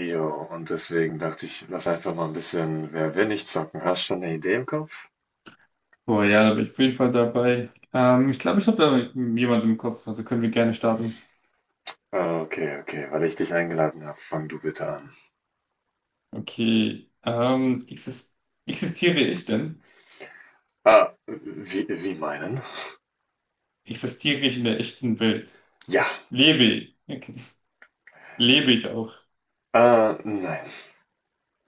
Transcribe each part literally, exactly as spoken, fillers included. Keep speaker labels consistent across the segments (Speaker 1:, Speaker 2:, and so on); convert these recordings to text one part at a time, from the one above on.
Speaker 1: Jo, und deswegen dachte ich, lass einfach mal ein bisschen. Wer will nicht zocken? Hast schon eine Idee im Kopf?
Speaker 2: Boah, ja, da bin ich auf jeden Fall dabei. Ähm, ich glaube, ich habe da jemanden im Kopf, also können wir gerne starten.
Speaker 1: Ah, okay, okay, weil ich dich eingeladen habe, fang du bitte an.
Speaker 2: Okay, ähm, exis- existiere ich denn?
Speaker 1: Ah, wie, wie meinen?
Speaker 2: Existiere ich in der echten Welt?
Speaker 1: Ja,
Speaker 2: Lebe ich? Okay. Lebe ich auch?
Speaker 1: äh, nein.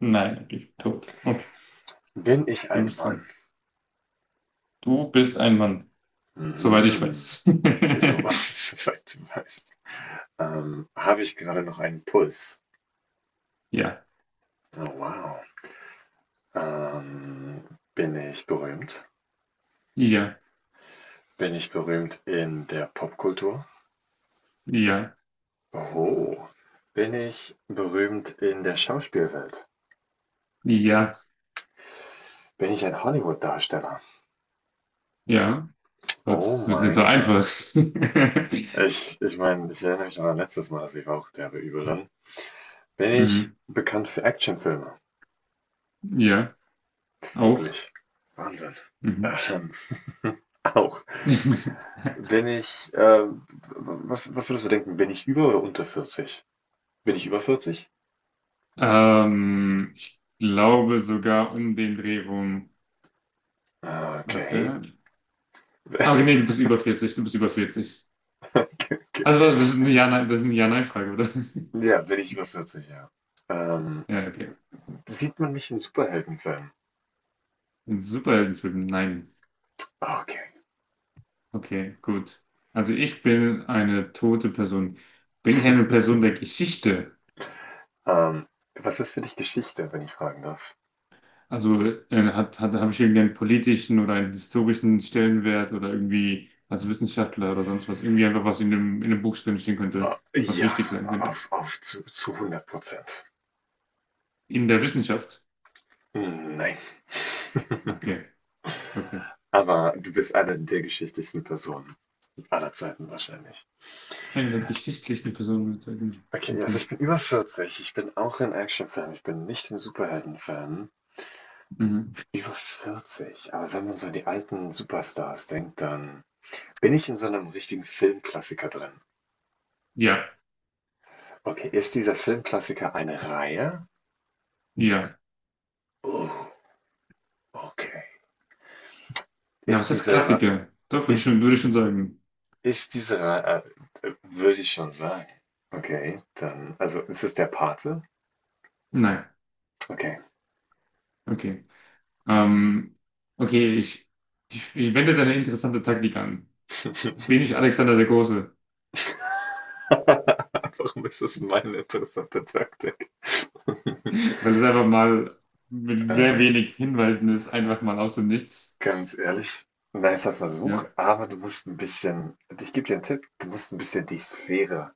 Speaker 2: Nein, okay, tot. Okay,
Speaker 1: Bin ich
Speaker 2: du
Speaker 1: ein
Speaker 2: bist
Speaker 1: Mann?
Speaker 2: dran. Du bist ein Mann, soweit ich
Speaker 1: Mhm.
Speaker 2: weiß.
Speaker 1: So, soweit du weißt. Ähm, habe ich gerade noch einen Puls?
Speaker 2: Ja,
Speaker 1: Oh, wow. Ähm, Bin ich berühmt?
Speaker 2: ja,
Speaker 1: Bin ich berühmt in der Popkultur?
Speaker 2: ja,
Speaker 1: Oh, bin ich berühmt in der Schauspielwelt?
Speaker 2: ja,
Speaker 1: Bin ich ein Hollywood-Darsteller?
Speaker 2: ja. Gott,
Speaker 1: Oh
Speaker 2: das wird nicht so
Speaker 1: mein
Speaker 2: einfach.
Speaker 1: Gott. Ich, ich meine, ich erinnere mich an mein letztes Mal, das lief auch derbe übel dann. Bin ich
Speaker 2: Mhm.
Speaker 1: bekannt für Actionfilme?
Speaker 2: Ja, auch.
Speaker 1: Wirklich. Wahnsinn.
Speaker 2: Mhm.
Speaker 1: Ähm, auch. Bin ich, ähm, was, was würdest du denken, bin ich über oder unter vierzig? Bin ich über vierzig?
Speaker 2: Ähm, ich glaube sogar um den Dreh rum.
Speaker 1: Okay.
Speaker 2: Warte. Ah, okay, nee, du bist über vierzig, du bist über vierzig.
Speaker 1: Okay.
Speaker 2: Also, warte, das ist eine Ja-Nein, das ist eine Ja-Nein-Frage, oder?
Speaker 1: Ja, bin ich über vierzig, ja. Ähm,
Speaker 2: Ja, okay.
Speaker 1: Sieht man mich in Superheldenfilmen?
Speaker 2: Ein Superheldenfilm? Nein.
Speaker 1: Ah, okay.
Speaker 2: Okay, gut. Also, ich bin eine tote Person. Bin ich eine Person der Geschichte?
Speaker 1: Ähm, was ist für dich Geschichte, wenn ich fragen darf?
Speaker 2: Also, äh, hat, hat, habe ich irgendwie einen politischen oder einen historischen Stellenwert oder irgendwie als Wissenschaftler oder sonst was? Irgendwie einfach was in dem, in dem Buch drinstehen
Speaker 1: Ah,
Speaker 2: könnte, was
Speaker 1: ja,
Speaker 2: wichtig sein könnte.
Speaker 1: auf, auf zu, zu hundert Prozent.
Speaker 2: In der Wissenschaft.
Speaker 1: Hm, nein.
Speaker 2: Okay, okay.
Speaker 1: Aber du bist eine der geschichtlichsten Personen aller Zeiten wahrscheinlich.
Speaker 2: Eine der geschichtlichen Personen mit einem-
Speaker 1: Okay, also
Speaker 2: okay.
Speaker 1: ich bin über vierzig. Ich bin auch ein Action-Fan. Ich bin nicht ein Superhelden-Fan.
Speaker 2: Mhm.
Speaker 1: Über vierzig. Aber wenn man so an die alten Superstars denkt, dann bin ich in so einem richtigen Filmklassiker drin.
Speaker 2: Ja,
Speaker 1: Okay, ist dieser Filmklassiker eine Reihe?
Speaker 2: ja.
Speaker 1: Oh, okay.
Speaker 2: Na,
Speaker 1: Ist
Speaker 2: was heißt
Speaker 1: diese, Re-
Speaker 2: Klassiker? Doch, würde ich
Speaker 1: ist
Speaker 2: schon, würde ich schon sagen.
Speaker 1: Ist diese, äh, äh, würde ich schon sagen. Okay, dann, also ist es der Pate?
Speaker 2: Nein.
Speaker 1: Okay.
Speaker 2: Okay. Ähm, okay, ich, ich, ich wende jetzt eine interessante Taktik an. Bin ich Alexander der Große?
Speaker 1: Warum ist das meine interessante Taktik?
Speaker 2: Weil es einfach mal mit sehr
Speaker 1: Ähm,
Speaker 2: wenig Hinweisen ist, einfach mal aus dem Nichts.
Speaker 1: ganz ehrlich, nicer Versuch,
Speaker 2: Ja.
Speaker 1: aber du musst ein bisschen, ich gebe dir einen Tipp, du musst ein bisschen die Sphäre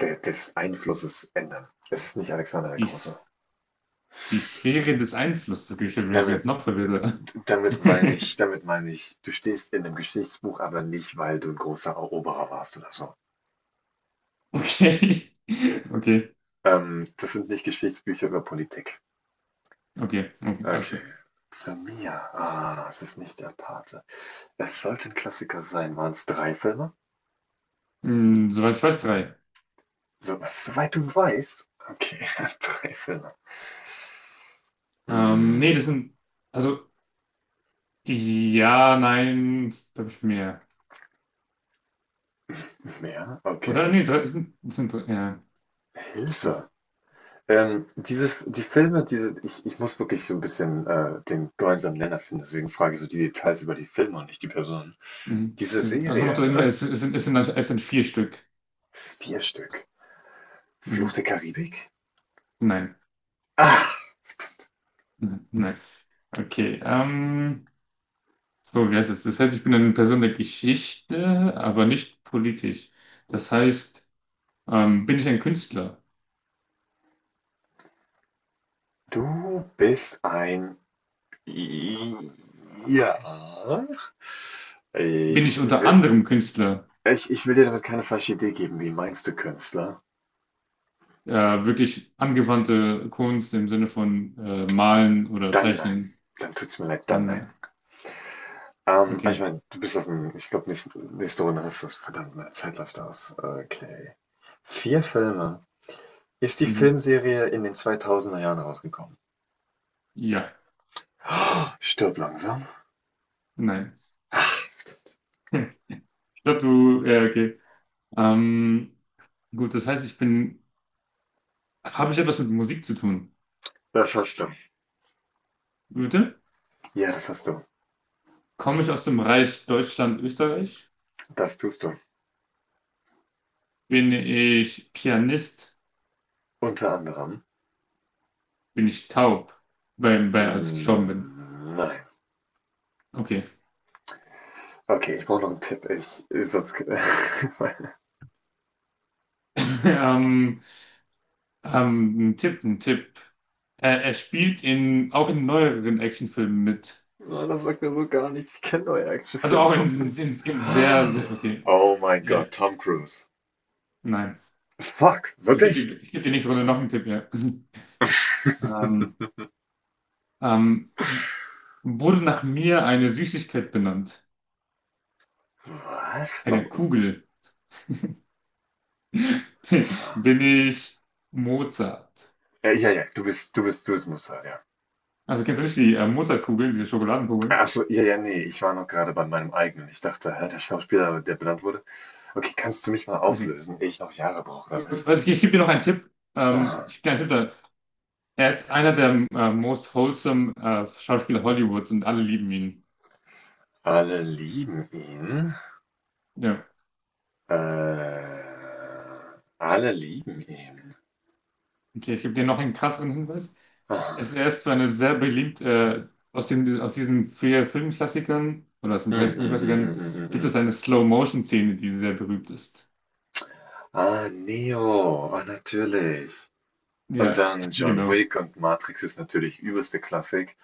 Speaker 1: de, des Einflusses ändern. Es ist nicht Alexander der
Speaker 2: Die, S-
Speaker 1: Große.
Speaker 2: Die Sphäre des Einflusses. Okay, ich bin jetzt
Speaker 1: Damit,
Speaker 2: noch verwirrter.
Speaker 1: damit meine ich, damit meine ich, du stehst in einem Geschichtsbuch, aber nicht, weil du ein großer Eroberer warst oder so.
Speaker 2: Okay. Okay.
Speaker 1: Ähm, das sind nicht Geschichtsbücher über Politik.
Speaker 2: Okay. Okay.
Speaker 1: Okay.
Speaker 2: Also.
Speaker 1: Zu mir. Ah, es ist nicht der Pate. Es sollte ein Klassiker sein. Waren es drei Filme?
Speaker 2: Hm, soweit ich weiß, drei.
Speaker 1: So, soweit du weißt. Okay, drei Filme.
Speaker 2: Ähm, nee, das
Speaker 1: Hm,
Speaker 2: sind, also, ja, nein, glaube ich mehr.
Speaker 1: mehr?
Speaker 2: Oder?
Speaker 1: Okay.
Speaker 2: Nee, drei, es sind, es sind, drei, ja. Okay.
Speaker 1: Hilfe. Ähm, diese, die Filme, diese, ich, ich muss wirklich so ein bisschen äh, den gemeinsamen Nenner finden, deswegen frage ich so die Details über die Filme und nicht die Personen.
Speaker 2: Mhm.
Speaker 1: Diese
Speaker 2: Also nochmal zu
Speaker 1: Serie, oder
Speaker 2: Hinweis, es, es sind, es sind, also, es sind vier Stück.
Speaker 1: vier Stück, Fluch
Speaker 2: Mhm.
Speaker 1: der Karibik?
Speaker 2: Nein,
Speaker 1: Ach,
Speaker 2: nein, nein. Okay, ähm, so, wie heißt es? Das heißt, ich bin eine Person der Geschichte, aber nicht politisch. Das heißt, ähm, bin ich ein Künstler?
Speaker 1: du bist ein. Ja.
Speaker 2: Bin ich
Speaker 1: Ich
Speaker 2: unter
Speaker 1: will,
Speaker 2: anderem Künstler?
Speaker 1: ich, ich will dir damit keine falsche Idee geben. Wie meinst du Künstler?
Speaker 2: Äh, Wirklich angewandte Kunst im Sinne von äh, Malen oder
Speaker 1: Dann nein.
Speaker 2: Zeichnen?
Speaker 1: Dann tut's mir leid, dann
Speaker 2: Dann
Speaker 1: nein.
Speaker 2: nein.
Speaker 1: Ähm, aber ich
Speaker 2: Okay.
Speaker 1: meine, du bist auf dem, ich glaube, nächste Runde hast du es. Verdammt, meine Zeit läuft aus. Okay. Vier Filme. Ist die
Speaker 2: Mhm.
Speaker 1: Filmserie in den zweitausender Jahren rausgekommen?
Speaker 2: Ja,
Speaker 1: Stirb langsam.
Speaker 2: nein.
Speaker 1: Ach,
Speaker 2: Ich glaube, du, ja, okay. Ähm, gut, das heißt, ich bin, habe ich etwas mit Musik zu tun?
Speaker 1: das hast du.
Speaker 2: Bitte?
Speaker 1: Ja, das hast du.
Speaker 2: Komme ich aus dem Reich Deutschland, Österreich?
Speaker 1: Das tust du.
Speaker 2: Bin ich Pianist?
Speaker 1: Unter anderem.
Speaker 2: Bin ich taub? Bei, bei, als ich gestorben bin.
Speaker 1: Hm, nein.
Speaker 2: Okay.
Speaker 1: Okay, ich brauche noch einen Tipp. Ich äh, sonst
Speaker 2: Ähm, ähm, ein Tipp, ein Tipp. Äh, er spielt in, auch in neueren Actionfilmen mit.
Speaker 1: Mann, das sagt mir so gar nichts. Ich kenne neue
Speaker 2: Also
Speaker 1: Actionfilme
Speaker 2: auch in,
Speaker 1: doch
Speaker 2: in,
Speaker 1: nicht.
Speaker 2: in, in sehr, sehr, okay.
Speaker 1: Oh mein
Speaker 2: Ja,
Speaker 1: Gott, Tom Cruise.
Speaker 2: nein.
Speaker 1: Fuck,
Speaker 2: Ich gebe
Speaker 1: wirklich?
Speaker 2: dir, ich geb dir nächste Runde noch einen Tipp, ja. Ähm, ähm, Wurde nach mir eine Süßigkeit benannt?
Speaker 1: Was?
Speaker 2: Eine
Speaker 1: No
Speaker 2: Kugel. Bin ich Mozart?
Speaker 1: äh, ja, ja, du bist du bist du bist Mossad, ja.
Speaker 2: Also kennst du nicht die äh, Mozartkugeln, diese Schokoladenkugeln?
Speaker 1: Ach so, ja, ja, nee, ich war noch gerade bei meinem eigenen. Ich dachte, hä, der Schauspieler, der benannt wurde. Okay, kannst du mich mal
Speaker 2: Also,
Speaker 1: auflösen, ehe ich noch Jahre brauche damit?
Speaker 2: also ich, ich gebe dir noch einen Tipp. Ähm,
Speaker 1: Aha.
Speaker 2: ich gebe dir einen Tipp da. Er ist einer der äh, most wholesome äh, Schauspieler Hollywoods und alle lieben ihn.
Speaker 1: Alle lieben ihn.
Speaker 2: Ja.
Speaker 1: Äh, alle lieben ihn.
Speaker 2: Okay, ich gebe dir noch einen krasseren Hinweis.
Speaker 1: Ah,
Speaker 2: Es Er ist zwar eine sehr beliebt, äh, aus den, aus diesen vier Filmklassikern, oder aus den
Speaker 1: hm
Speaker 2: drei
Speaker 1: hm hm hm
Speaker 2: Filmklassikern,
Speaker 1: hm hm.
Speaker 2: gibt es
Speaker 1: Hm.
Speaker 2: eine Slow-Motion-Szene, die sehr berühmt ist.
Speaker 1: Ah, Neo, ah, natürlich. Und
Speaker 2: Ja,
Speaker 1: dann John
Speaker 2: genau,
Speaker 1: Wick und Matrix ist natürlich übelste Klassik.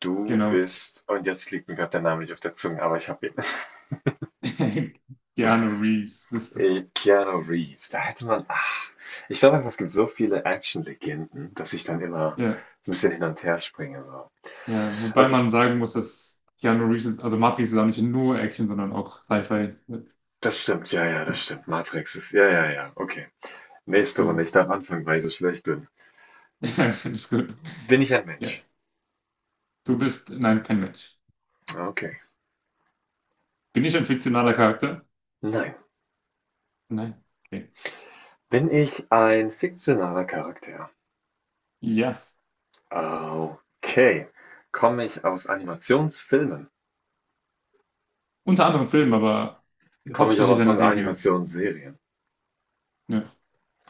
Speaker 1: Du
Speaker 2: genau.
Speaker 1: bist, und jetzt liegt mir gerade der Name nicht auf der Zunge, aber ich habe ihn.
Speaker 2: Keanu Reeves bist du?
Speaker 1: Äh, Keanu Reeves, da hätte man, ach, ich glaube einfach, es gibt so viele Action-Legenden, dass ich dann immer
Speaker 2: Ja,
Speaker 1: so ein bisschen hin und her springe, so.
Speaker 2: ja, wobei
Speaker 1: Okay,
Speaker 2: man sagen muss, dass Keanu Reeves, ist- also Matrix ist auch nicht nur Action, sondern auch Sci-Fi. Ja,
Speaker 1: das stimmt, ja, ja, das stimmt. Matrix ist, ja, ja, ja, okay. Nächste Runde,
Speaker 2: genau.
Speaker 1: ich darf anfangen, weil ich so schlecht bin.
Speaker 2: Das ist gut.
Speaker 1: Bin ich ein
Speaker 2: Ja,
Speaker 1: Mensch?
Speaker 2: du bist, nein, kein Mensch.
Speaker 1: Okay.
Speaker 2: Bin ich ein fiktionaler Charakter?
Speaker 1: Nein.
Speaker 2: Nein. Okay.
Speaker 1: Bin ich ein fiktionaler Charakter?
Speaker 2: Ja.
Speaker 1: Okay. Komme ich aus Animationsfilmen?
Speaker 2: Unter anderem Film, aber
Speaker 1: Komme ich auch
Speaker 2: hauptsächlich
Speaker 1: aus
Speaker 2: einer Serie.
Speaker 1: Animationsserien?
Speaker 2: Nö,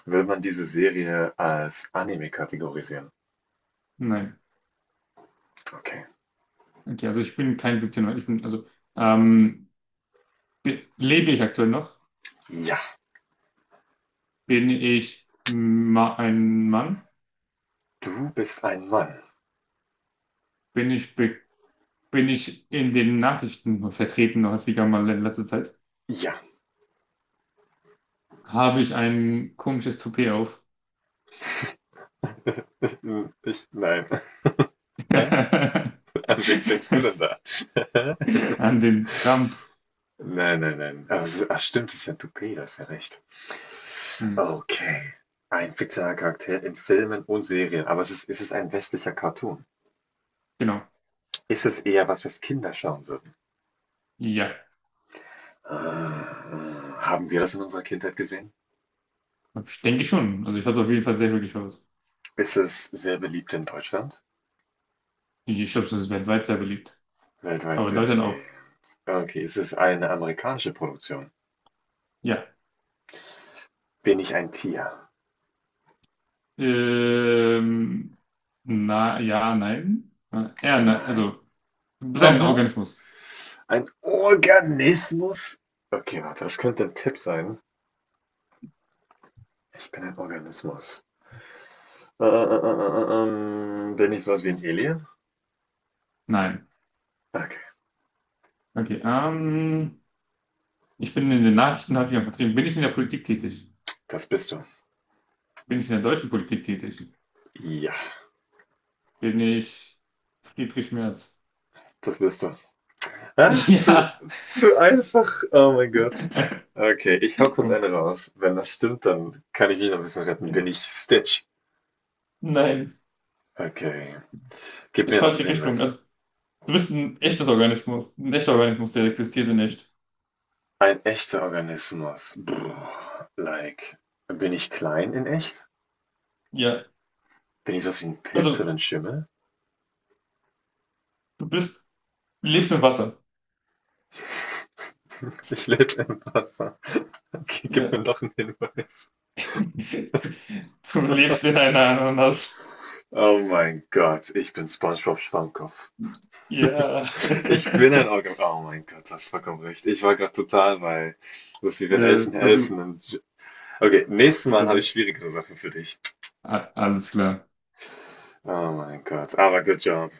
Speaker 1: Will man diese Serie als Anime kategorisieren?
Speaker 2: nein.
Speaker 1: Okay.
Speaker 2: Okay, also ich bin kein Victim. Ich bin, also, ähm, be- Lebe ich aktuell noch?
Speaker 1: Ja.
Speaker 2: Bin ich ma ein Mann?
Speaker 1: Du bist ein Mann.
Speaker 2: Bin ich, be Bin ich in den Nachrichten vertreten, häufiger mal in letzter Zeit?
Speaker 1: Ja.
Speaker 2: Habe ich ein komisches Toupet auf?
Speaker 1: Hm, ich, nein. An wen denkst du denn da?
Speaker 2: An den Trump.
Speaker 1: Nein, nein, nein. Also, ach, stimmt, das ist ja Toupet, das ist ja recht.
Speaker 2: Hm,
Speaker 1: Okay. Ein fiktionaler Charakter in Filmen und Serien. Aber es ist, ist es ein westlicher Cartoon?
Speaker 2: genau.
Speaker 1: Ist es eher was, was Kinder schauen würden?
Speaker 2: Ja,
Speaker 1: Äh, äh, haben wir das in unserer Kindheit gesehen?
Speaker 2: ich denke schon. Also ich habe auf jeden Fall sehr glücklich aus.
Speaker 1: Ist es sehr beliebt in Deutschland?
Speaker 2: Ich glaube, das ist weltweit sehr beliebt.
Speaker 1: Weltweit
Speaker 2: Aber in
Speaker 1: sehr
Speaker 2: Deutschland
Speaker 1: beliebt.
Speaker 2: auch.
Speaker 1: Okay, ist es eine amerikanische Produktion?
Speaker 2: Ja.
Speaker 1: Bin ich ein Tier?
Speaker 2: Ähm, na, ja, nein. Äh, Ja, ne,
Speaker 1: Nein.
Speaker 2: also, sein
Speaker 1: Aha.
Speaker 2: Organismus.
Speaker 1: Ein Organismus? Okay, warte, das könnte ein Tipp sein. Ich bin ein Organismus. Äh, äh, äh, äh, äh, ähm, bin ich sowas wie ein
Speaker 2: S-
Speaker 1: Alien?
Speaker 2: Nein.
Speaker 1: Okay,
Speaker 2: Okay, ähm, ich bin in den Nachrichten, hat sich ja vertrieben. Bin ich in der Politik tätig?
Speaker 1: das bist du.
Speaker 2: Bin ich in der deutschen Politik tätig?
Speaker 1: Ja,
Speaker 2: Bin ich Friedrich Merz?
Speaker 1: das bist du. Ah, zu,
Speaker 2: Ja.
Speaker 1: zu einfach. Oh mein Gott. Okay, ich hau kurz eine raus. Wenn das stimmt, dann kann ich mich noch ein bisschen retten. Bin ich Stitch?
Speaker 2: Nein,
Speaker 1: Okay. Gib mir noch einen
Speaker 2: falsche Richtung.
Speaker 1: Hinweis.
Speaker 2: Also, du bist ein echtes Organismus. Ein echter Organismus, der existierte nicht.
Speaker 1: Ein echter Organismus. Brr, like. Bin ich klein in echt?
Speaker 2: Ja,
Speaker 1: Bin ich sowas wie ein Pilz
Speaker 2: also,
Speaker 1: oder ein Schimmel?
Speaker 2: du bist, lebst im Wasser.
Speaker 1: Ich lebe im Wasser. Okay, gib
Speaker 2: Ja.
Speaker 1: mir noch einen Hinweis.
Speaker 2: Du lebst in einer Ananas.
Speaker 1: Oh mein Gott, ich bin SpongeBob Schwammkopf.
Speaker 2: Ja.
Speaker 1: Ich bin ein Orga. Oh mein Gott, das hast vollkommen recht. Ich war gerade total bei. Das ist wie wenn
Speaker 2: Ja,
Speaker 1: Elfen
Speaker 2: das über
Speaker 1: helfen und. Okay, nächstes Mal habe ich
Speaker 2: überdacht.
Speaker 1: schwierigere Sachen für dich.
Speaker 2: A- Alles klar.
Speaker 1: Oh mein Gott, aber good job.